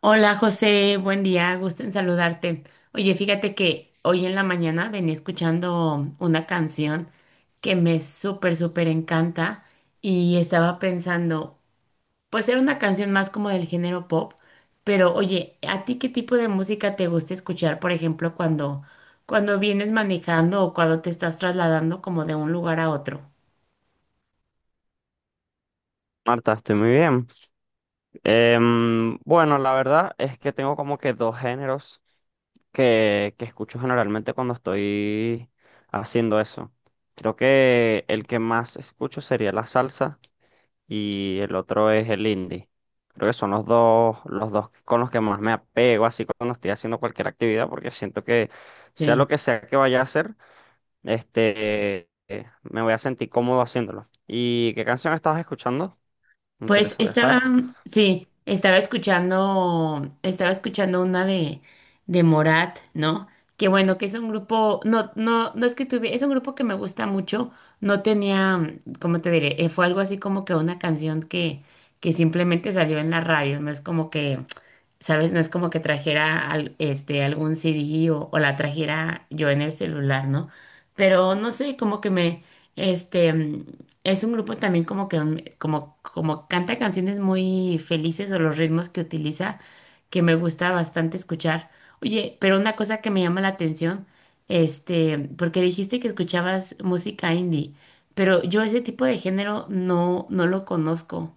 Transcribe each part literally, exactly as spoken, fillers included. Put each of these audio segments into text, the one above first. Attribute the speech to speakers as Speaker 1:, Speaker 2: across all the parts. Speaker 1: Hola José, buen día, gusto en saludarte. Oye, fíjate que hoy en la mañana venía escuchando una canción que me súper, súper encanta y estaba pensando, pues era una canción más como del género pop, pero oye, ¿a ti qué tipo de música te gusta escuchar, por ejemplo, cuando, cuando vienes manejando o cuando te estás trasladando como de un lugar a otro?
Speaker 2: Marta, estoy muy bien. Em, bueno, la verdad es que tengo como que dos géneros que, que escucho generalmente cuando estoy haciendo eso. Creo que el que más escucho sería la salsa y el otro es el indie. Creo que son los dos, los dos con los que más me apego así cuando estoy haciendo cualquier actividad, porque siento que sea lo
Speaker 1: Sí.
Speaker 2: que sea que vaya a hacer, este, eh, me voy a sentir cómodo haciéndolo. ¿Y qué canción estabas escuchando? Me
Speaker 1: Pues
Speaker 2: interesaría
Speaker 1: estaba,
Speaker 2: saber.
Speaker 1: sí, estaba escuchando, estaba escuchando una de, de Morat, ¿no? Que bueno, que es un grupo, no, no, no es que tuve, es un grupo que me gusta mucho, no tenía, ¿cómo te diré? Eh, Fue algo así como que una canción que, que simplemente salió en la radio, no es como que, ¿sabes? No es como que trajera al- este, algún C D o, o la trajera yo en el celular, ¿no? Pero no sé, como que me, este... Es un grupo también como que mm, como, como canta canciones muy felices o los ritmos que utiliza que me gusta bastante escuchar. Oye, pero una cosa que me llama la atención, este, porque dijiste que escuchabas música indie, pero yo ese tipo de género no, no lo conozco.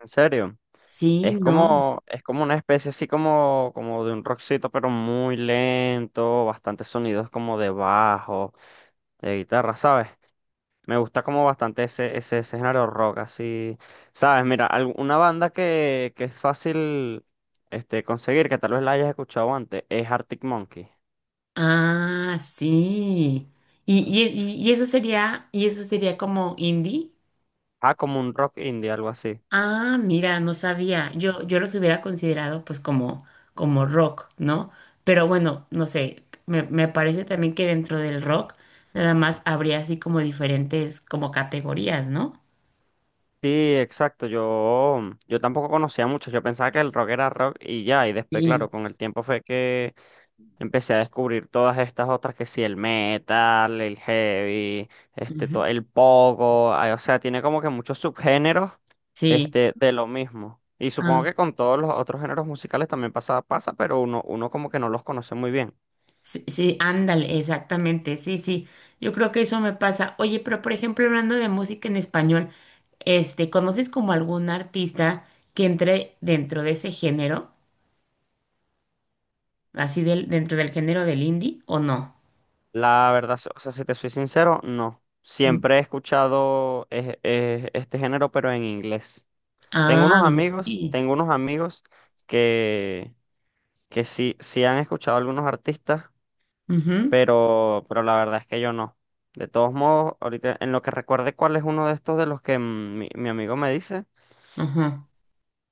Speaker 2: ¿En serio?
Speaker 1: Sí,
Speaker 2: Es
Speaker 1: no.
Speaker 2: como, es como una especie así como, como de un rockcito, pero muy lento, bastantes sonidos como de bajo, de guitarra, ¿sabes? Me gusta como bastante ese, ese, ese género rock, así, ¿sabes? Mira, al- una banda que, que es fácil, este, conseguir, que tal vez la hayas escuchado antes, es Arctic Monkey.
Speaker 1: Ah, sí. Y, y, y y eso sería, y eso sería como indie.
Speaker 2: Ah, como un rock indie, algo así.
Speaker 1: Ah, mira, no sabía. Yo, yo los hubiera considerado pues como, como rock, ¿no? Pero bueno, no sé, me, me parece también que dentro del rock nada más habría así como diferentes como categorías, ¿no?
Speaker 2: Sí, exacto, yo, yo tampoco conocía mucho, yo pensaba que el rock era rock y ya, y después,
Speaker 1: Sí.
Speaker 2: claro, con el tiempo fue que empecé a descubrir todas estas otras que sí, el metal, el heavy, este,
Speaker 1: Ujú.
Speaker 2: to- el pogo, ay, o sea, tiene como que muchos subgéneros,
Speaker 1: Sí,
Speaker 2: este, de lo mismo. Y supongo
Speaker 1: ah,
Speaker 2: que con todos los otros géneros musicales también pasa, pasa, pero uno, uno como que no los conoce muy bien.
Speaker 1: sí, sí, ándale, exactamente, sí, sí. Yo creo que eso me pasa. Oye, pero por ejemplo, hablando de música en español, este, ¿conoces como algún artista que entre dentro de ese género, así del, dentro del género del indie o no?
Speaker 2: La verdad, so, o sea, si te soy sincero, no.
Speaker 1: Mm.
Speaker 2: Siempre he escuchado eh, eh, este género, pero en inglés. Tengo unos
Speaker 1: Ah,
Speaker 2: amigos,
Speaker 1: ok.
Speaker 2: tengo unos amigos que, que sí, sí han escuchado algunos artistas,
Speaker 1: Ujú,
Speaker 2: pero, pero la verdad es que yo no. De todos modos, ahorita en lo que recuerde cuál es uno de estos de los que mm, mi, mi amigo me dice,
Speaker 1: ujú.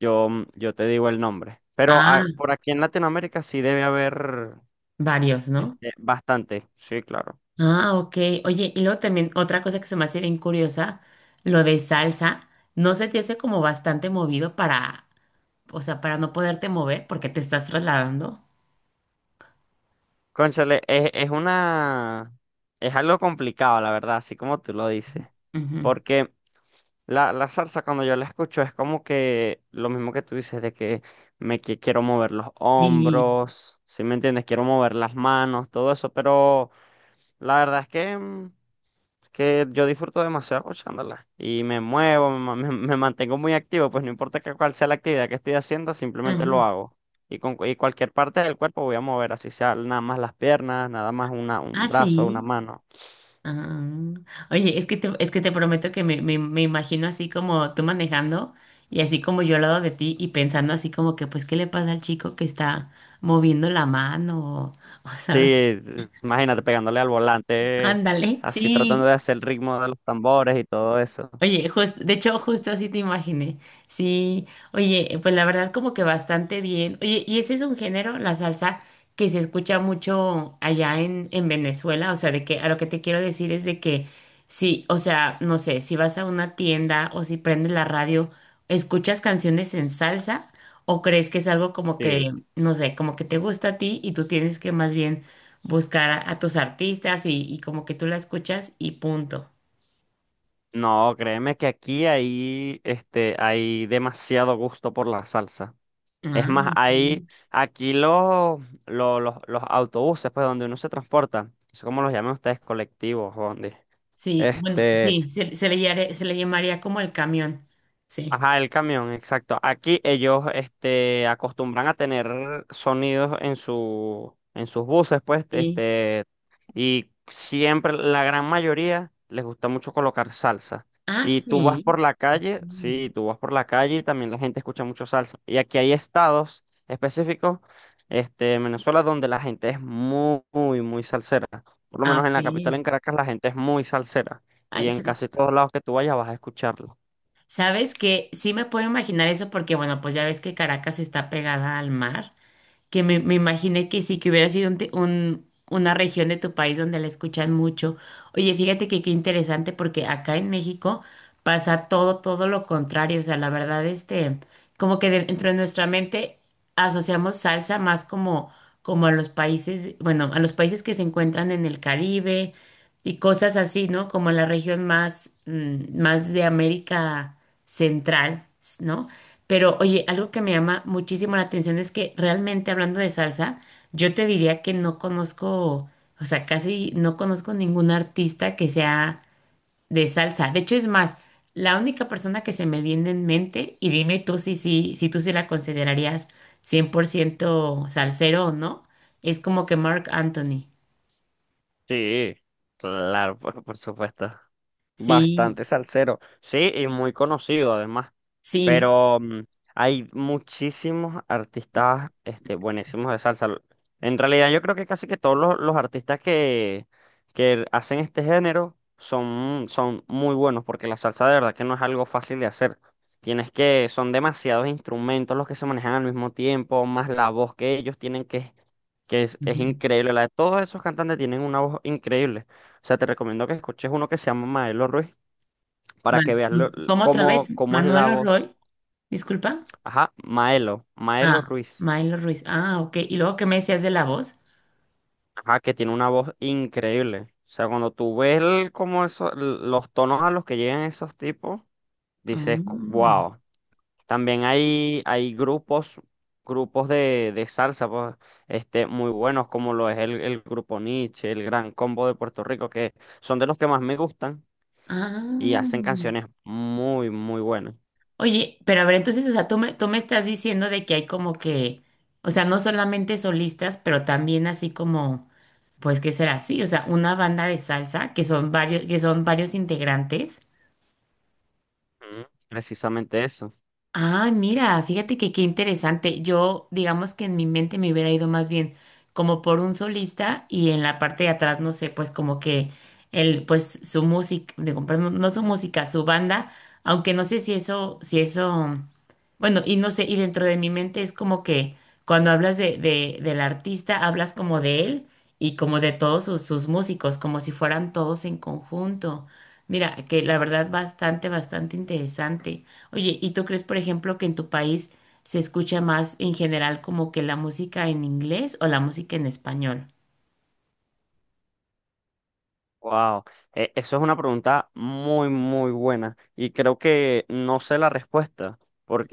Speaker 2: yo, mm, yo te digo el nombre. Pero
Speaker 1: Ah,
Speaker 2: ah, por aquí en Latinoamérica sí debe haber,
Speaker 1: varios, ¿no?
Speaker 2: este, bastante, sí, claro.
Speaker 1: Ah, ok. Oye, y luego también otra cosa que se me hace bien curiosa, lo de salsa, ¿no se te hace como bastante movido para, o sea, para no poderte mover porque te estás trasladando?
Speaker 2: Cónchale, es, es una... Es algo complicado, la verdad, así como tú lo dices.
Speaker 1: Ujú.
Speaker 2: Porque La, la salsa cuando yo la escucho es como que lo mismo que tú dices de que me que quiero mover los
Speaker 1: Sí.
Speaker 2: hombros, ¿si me entiendes? Quiero mover las manos, todo eso, pero la verdad es que, mm, que yo disfruto demasiado escuchándola y me muevo, me, ma- me- me mantengo muy activo, pues no importa que cuál sea la actividad que estoy haciendo, simplemente lo
Speaker 1: Ujú.
Speaker 2: hago. Y con cu- y cualquier parte del cuerpo voy a mover, así sea nada más las piernas, nada más una, un
Speaker 1: Ah,
Speaker 2: brazo, una
Speaker 1: sí.
Speaker 2: mano.
Speaker 1: Ah. Oye, es que te, es que te prometo que me, me, me imagino así como tú manejando y así como yo al lado de ti y pensando así como que pues qué le pasa al chico que está moviendo la mano o, o,
Speaker 2: Sí,
Speaker 1: sabes,
Speaker 2: eh, imagínate pegándole al volante,
Speaker 1: ándale,
Speaker 2: así tratando de
Speaker 1: sí,
Speaker 2: hacer el ritmo de los tambores y todo eso.
Speaker 1: Oye, justo, de hecho, justo así te imaginé. Sí, oye, eh, pues la verdad como que bastante bien. Oye, ¿y ese es un género, la salsa, que se escucha mucho allá en, en Venezuela? O sea, de que a lo que te quiero decir es de que sí, o sea, no sé, si vas a una tienda o si prendes la radio, ¿escuchas canciones en salsa? ¿O crees que es algo como
Speaker 2: Sí.
Speaker 1: que, no sé, como que te gusta a ti y tú tienes que más bien buscar a, a tus artistas y, y como que tú la escuchas y punto?
Speaker 2: No, créeme que aquí hay, este, hay demasiado gusto por la salsa. Es
Speaker 1: Ah,
Speaker 2: más,
Speaker 1: ok.
Speaker 2: hay aquí los, los los, los autobuses, pues donde uno se transporta, no sé cómo los llaman ustedes, colectivos, o donde.
Speaker 1: Sí, bueno,
Speaker 2: este,
Speaker 1: sí, se, se le llare- se le llamaría como el camión. Sí.
Speaker 2: Ajá, el camión, exacto. Aquí ellos, este, acostumbran a tener sonidos en su, en sus buses, pues,
Speaker 1: Sí.
Speaker 2: este, y siempre, la gran mayoría, les gusta mucho colocar salsa.
Speaker 1: Ah,
Speaker 2: Y tú vas
Speaker 1: sí.
Speaker 2: por la calle,
Speaker 1: Mm,
Speaker 2: sí, tú vas por la calle y también la gente escucha mucho salsa. Y aquí hay estados específicos, este, en Venezuela, donde la gente es muy, muy, muy salsera. Por lo
Speaker 1: ah,
Speaker 2: menos en
Speaker 1: ok.
Speaker 2: la capital, en Caracas, la gente es muy salsera.
Speaker 1: Ah,
Speaker 2: Y en
Speaker 1: s-
Speaker 2: casi todos lados que tú vayas vas a escucharlo.
Speaker 1: ¿Sabes que sí me puedo imaginar eso porque, bueno, pues ya ves que Caracas está pegada al mar? Que me, me imaginé que sí, que hubiera sido un, te- un- una región de tu país donde la escuchan mucho. Oye, fíjate que qué interesante porque acá en México pasa todo, todo lo contrario. O sea, la verdad, este, como que dentro de nuestra mente asociamos salsa más como, como a los países, bueno, a los países que se encuentran en el Caribe y cosas así, ¿no? Como la región más, mm, más de América Central, ¿no? Pero oye, algo que me llama muchísimo la atención es que realmente hablando de salsa, yo te diría que no conozco, o sea, casi no conozco ningún artista que sea de salsa. De hecho, es más, la única persona que se me viene en mente, y dime tú si, si, si, tú sí la considerarías cien por ciento salsero o no, es como que Mark Anthony.
Speaker 2: Sí, claro, por, por supuesto.
Speaker 1: Sí,
Speaker 2: Bastante salsero. Sí, y muy conocido además.
Speaker 1: sí.
Speaker 2: Pero mm, hay muchísimos artistas, este, buenísimos de salsa. Lo- En realidad yo creo que casi que todos los, los artistas que, que hacen este género son, son muy buenos porque la salsa de verdad que no es algo fácil de hacer. Tienes que, son demasiados instrumentos los que se manejan al mismo tiempo, más la voz que ellos tienen que es que es, es
Speaker 1: Ujú.
Speaker 2: increíble. La de todos esos cantantes tienen una voz increíble. O sea, te recomiendo que escuches uno que se llama Maelo Ruiz para que
Speaker 1: Vale.
Speaker 2: veas lo-
Speaker 1: mm, ¿Cómo otra vez?
Speaker 2: cómo, cómo es la
Speaker 1: Manuel
Speaker 2: voz.
Speaker 1: Roy, disculpa.
Speaker 2: Ajá, Maelo, Maelo
Speaker 1: Ah,
Speaker 2: Ruiz.
Speaker 1: Milo Ruiz. Ah, ok. ¿Y luego qué me decías de la voz?
Speaker 2: Ajá, que tiene una voz increíble. O sea, cuando tú ves el- cómo eso, l- los tonos a los que llegan esos tipos, dices,
Speaker 1: Ah,
Speaker 2: wow. También hay, hay grupos, grupos de, de salsa, pues, este, muy buenos, como lo es el, el grupo Nietzsche, el Gran Combo de Puerto Rico, que son de los que más me gustan. Y
Speaker 1: ah.
Speaker 2: hacen canciones muy, muy buenas.
Speaker 1: Oye, pero a ver, entonces, o sea, tú me, tú me estás diciendo de que hay como que, o sea, no solamente solistas, pero también así como, pues, ¿qué será así? O sea, una banda de salsa que son varios, que son varios integrantes.
Speaker 2: Ujú. Precisamente eso.
Speaker 1: Ah, mira, fíjate que qué interesante. Yo, digamos que en mi mente me hubiera ido más bien como por un solista y en la parte de atrás, no sé, pues como que el, pues su música, digo, perdón, no no su música, su banda, aunque no sé si eso, si eso, bueno, y no sé, y dentro de mi mente es como que cuando hablas de, de, del artista, hablas como de él y como de todos sus, sus músicos, como si fueran todos en conjunto. Mira, que la verdad bastante, bastante interesante. Oye, ¿y tú crees, por ejemplo, que en tu país se escucha más en general como que la música en inglés o la música en español?
Speaker 2: Wow. Eh, eso es una pregunta muy, muy buena. Y creo que no sé la respuesta,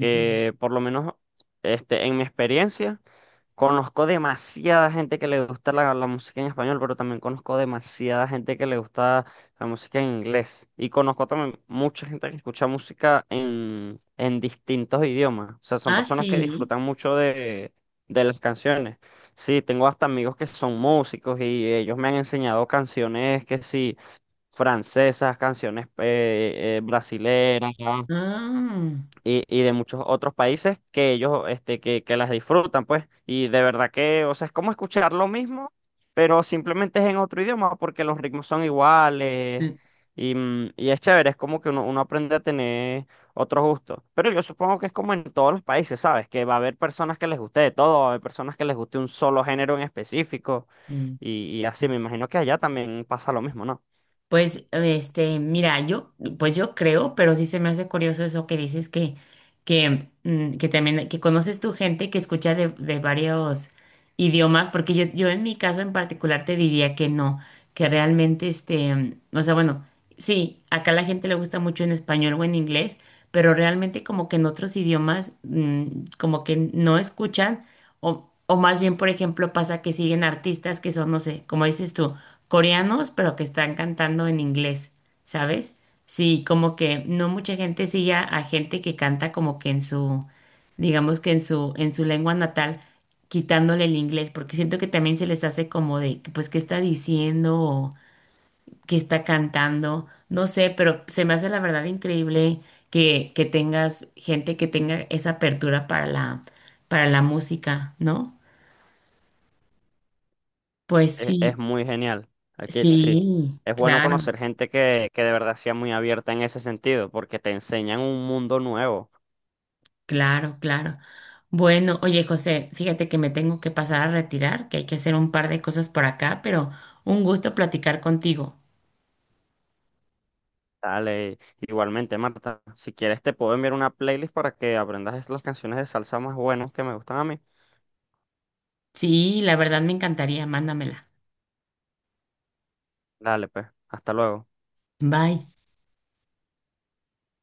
Speaker 1: Ujú.
Speaker 2: por lo menos, este, en mi experiencia. Conozco demasiada gente que le gusta la, la música en español, pero también conozco demasiada gente que le gusta la música en inglés. Y conozco también mucha gente que escucha música en, en distintos idiomas. O sea, son
Speaker 1: Ah,
Speaker 2: personas que
Speaker 1: sí.
Speaker 2: disfrutan mucho de, de las canciones. Sí, tengo hasta amigos que son músicos y ellos me han enseñado canciones que sí, francesas, canciones eh, eh, brasileras,
Speaker 1: Ah,
Speaker 2: y, y de muchos otros países que ellos, este, que, que las disfrutan, pues. Y de verdad que, o sea, es como escuchar lo mismo, pero simplemente es en otro idioma, porque los ritmos son iguales.
Speaker 1: mm,
Speaker 2: Y, mm, y es chévere, es como que uno, uno aprende a tener otros gustos. Pero yo supongo que es como en todos los países, ¿sabes? Que va a haber personas que les guste de todo, va a haber personas que les guste un solo género en específico.
Speaker 1: sí.
Speaker 2: Y, y así, me imagino que allá también pasa lo mismo, ¿no?
Speaker 1: Pues, este, mira, yo, pues yo creo, pero sí se me hace curioso eso que dices que, que, mm, que también, que conoces tu gente que escucha de, de varios idiomas, porque yo, yo en mi caso en particular te diría que no, que realmente, este, mm, o sea, bueno, sí, acá la gente le gusta mucho en español o en inglés, pero realmente como que en otros idiomas, mm, como que no escuchan, o, o más bien, por ejemplo, pasa que siguen artistas que son, no sé, como dices tú coreanos, pero que están cantando en inglés, ¿sabes? Sí, como que no mucha gente sigue a, a gente que canta como que en su, digamos que en su, en su lengua natal, quitándole el inglés, porque siento que también se les hace como de, que, pues, ¿qué está diciendo? ¿O qué está cantando? No sé, pero se me hace la verdad increíble que, que tengas gente que tenga esa apertura para la, para la música, ¿no? Pues
Speaker 2: Es, es
Speaker 1: sí,
Speaker 2: muy genial. Aquí sí.
Speaker 1: sí,
Speaker 2: Es bueno
Speaker 1: claro.
Speaker 2: conocer gente que, que de verdad sea muy abierta en ese sentido, porque te enseñan un mundo nuevo.
Speaker 1: Claro, claro. Bueno, oye, José, fíjate que me tengo que pasar a retirar, que hay que hacer un par de cosas por acá, pero un gusto platicar contigo.
Speaker 2: Dale, igualmente, Marta, si quieres te puedo enviar una playlist para que aprendas las canciones de salsa más buenas que me gustan a mí.
Speaker 1: Sí, la verdad me encantaría, mándamela.
Speaker 2: Dale, pues, hasta luego.
Speaker 1: Bye.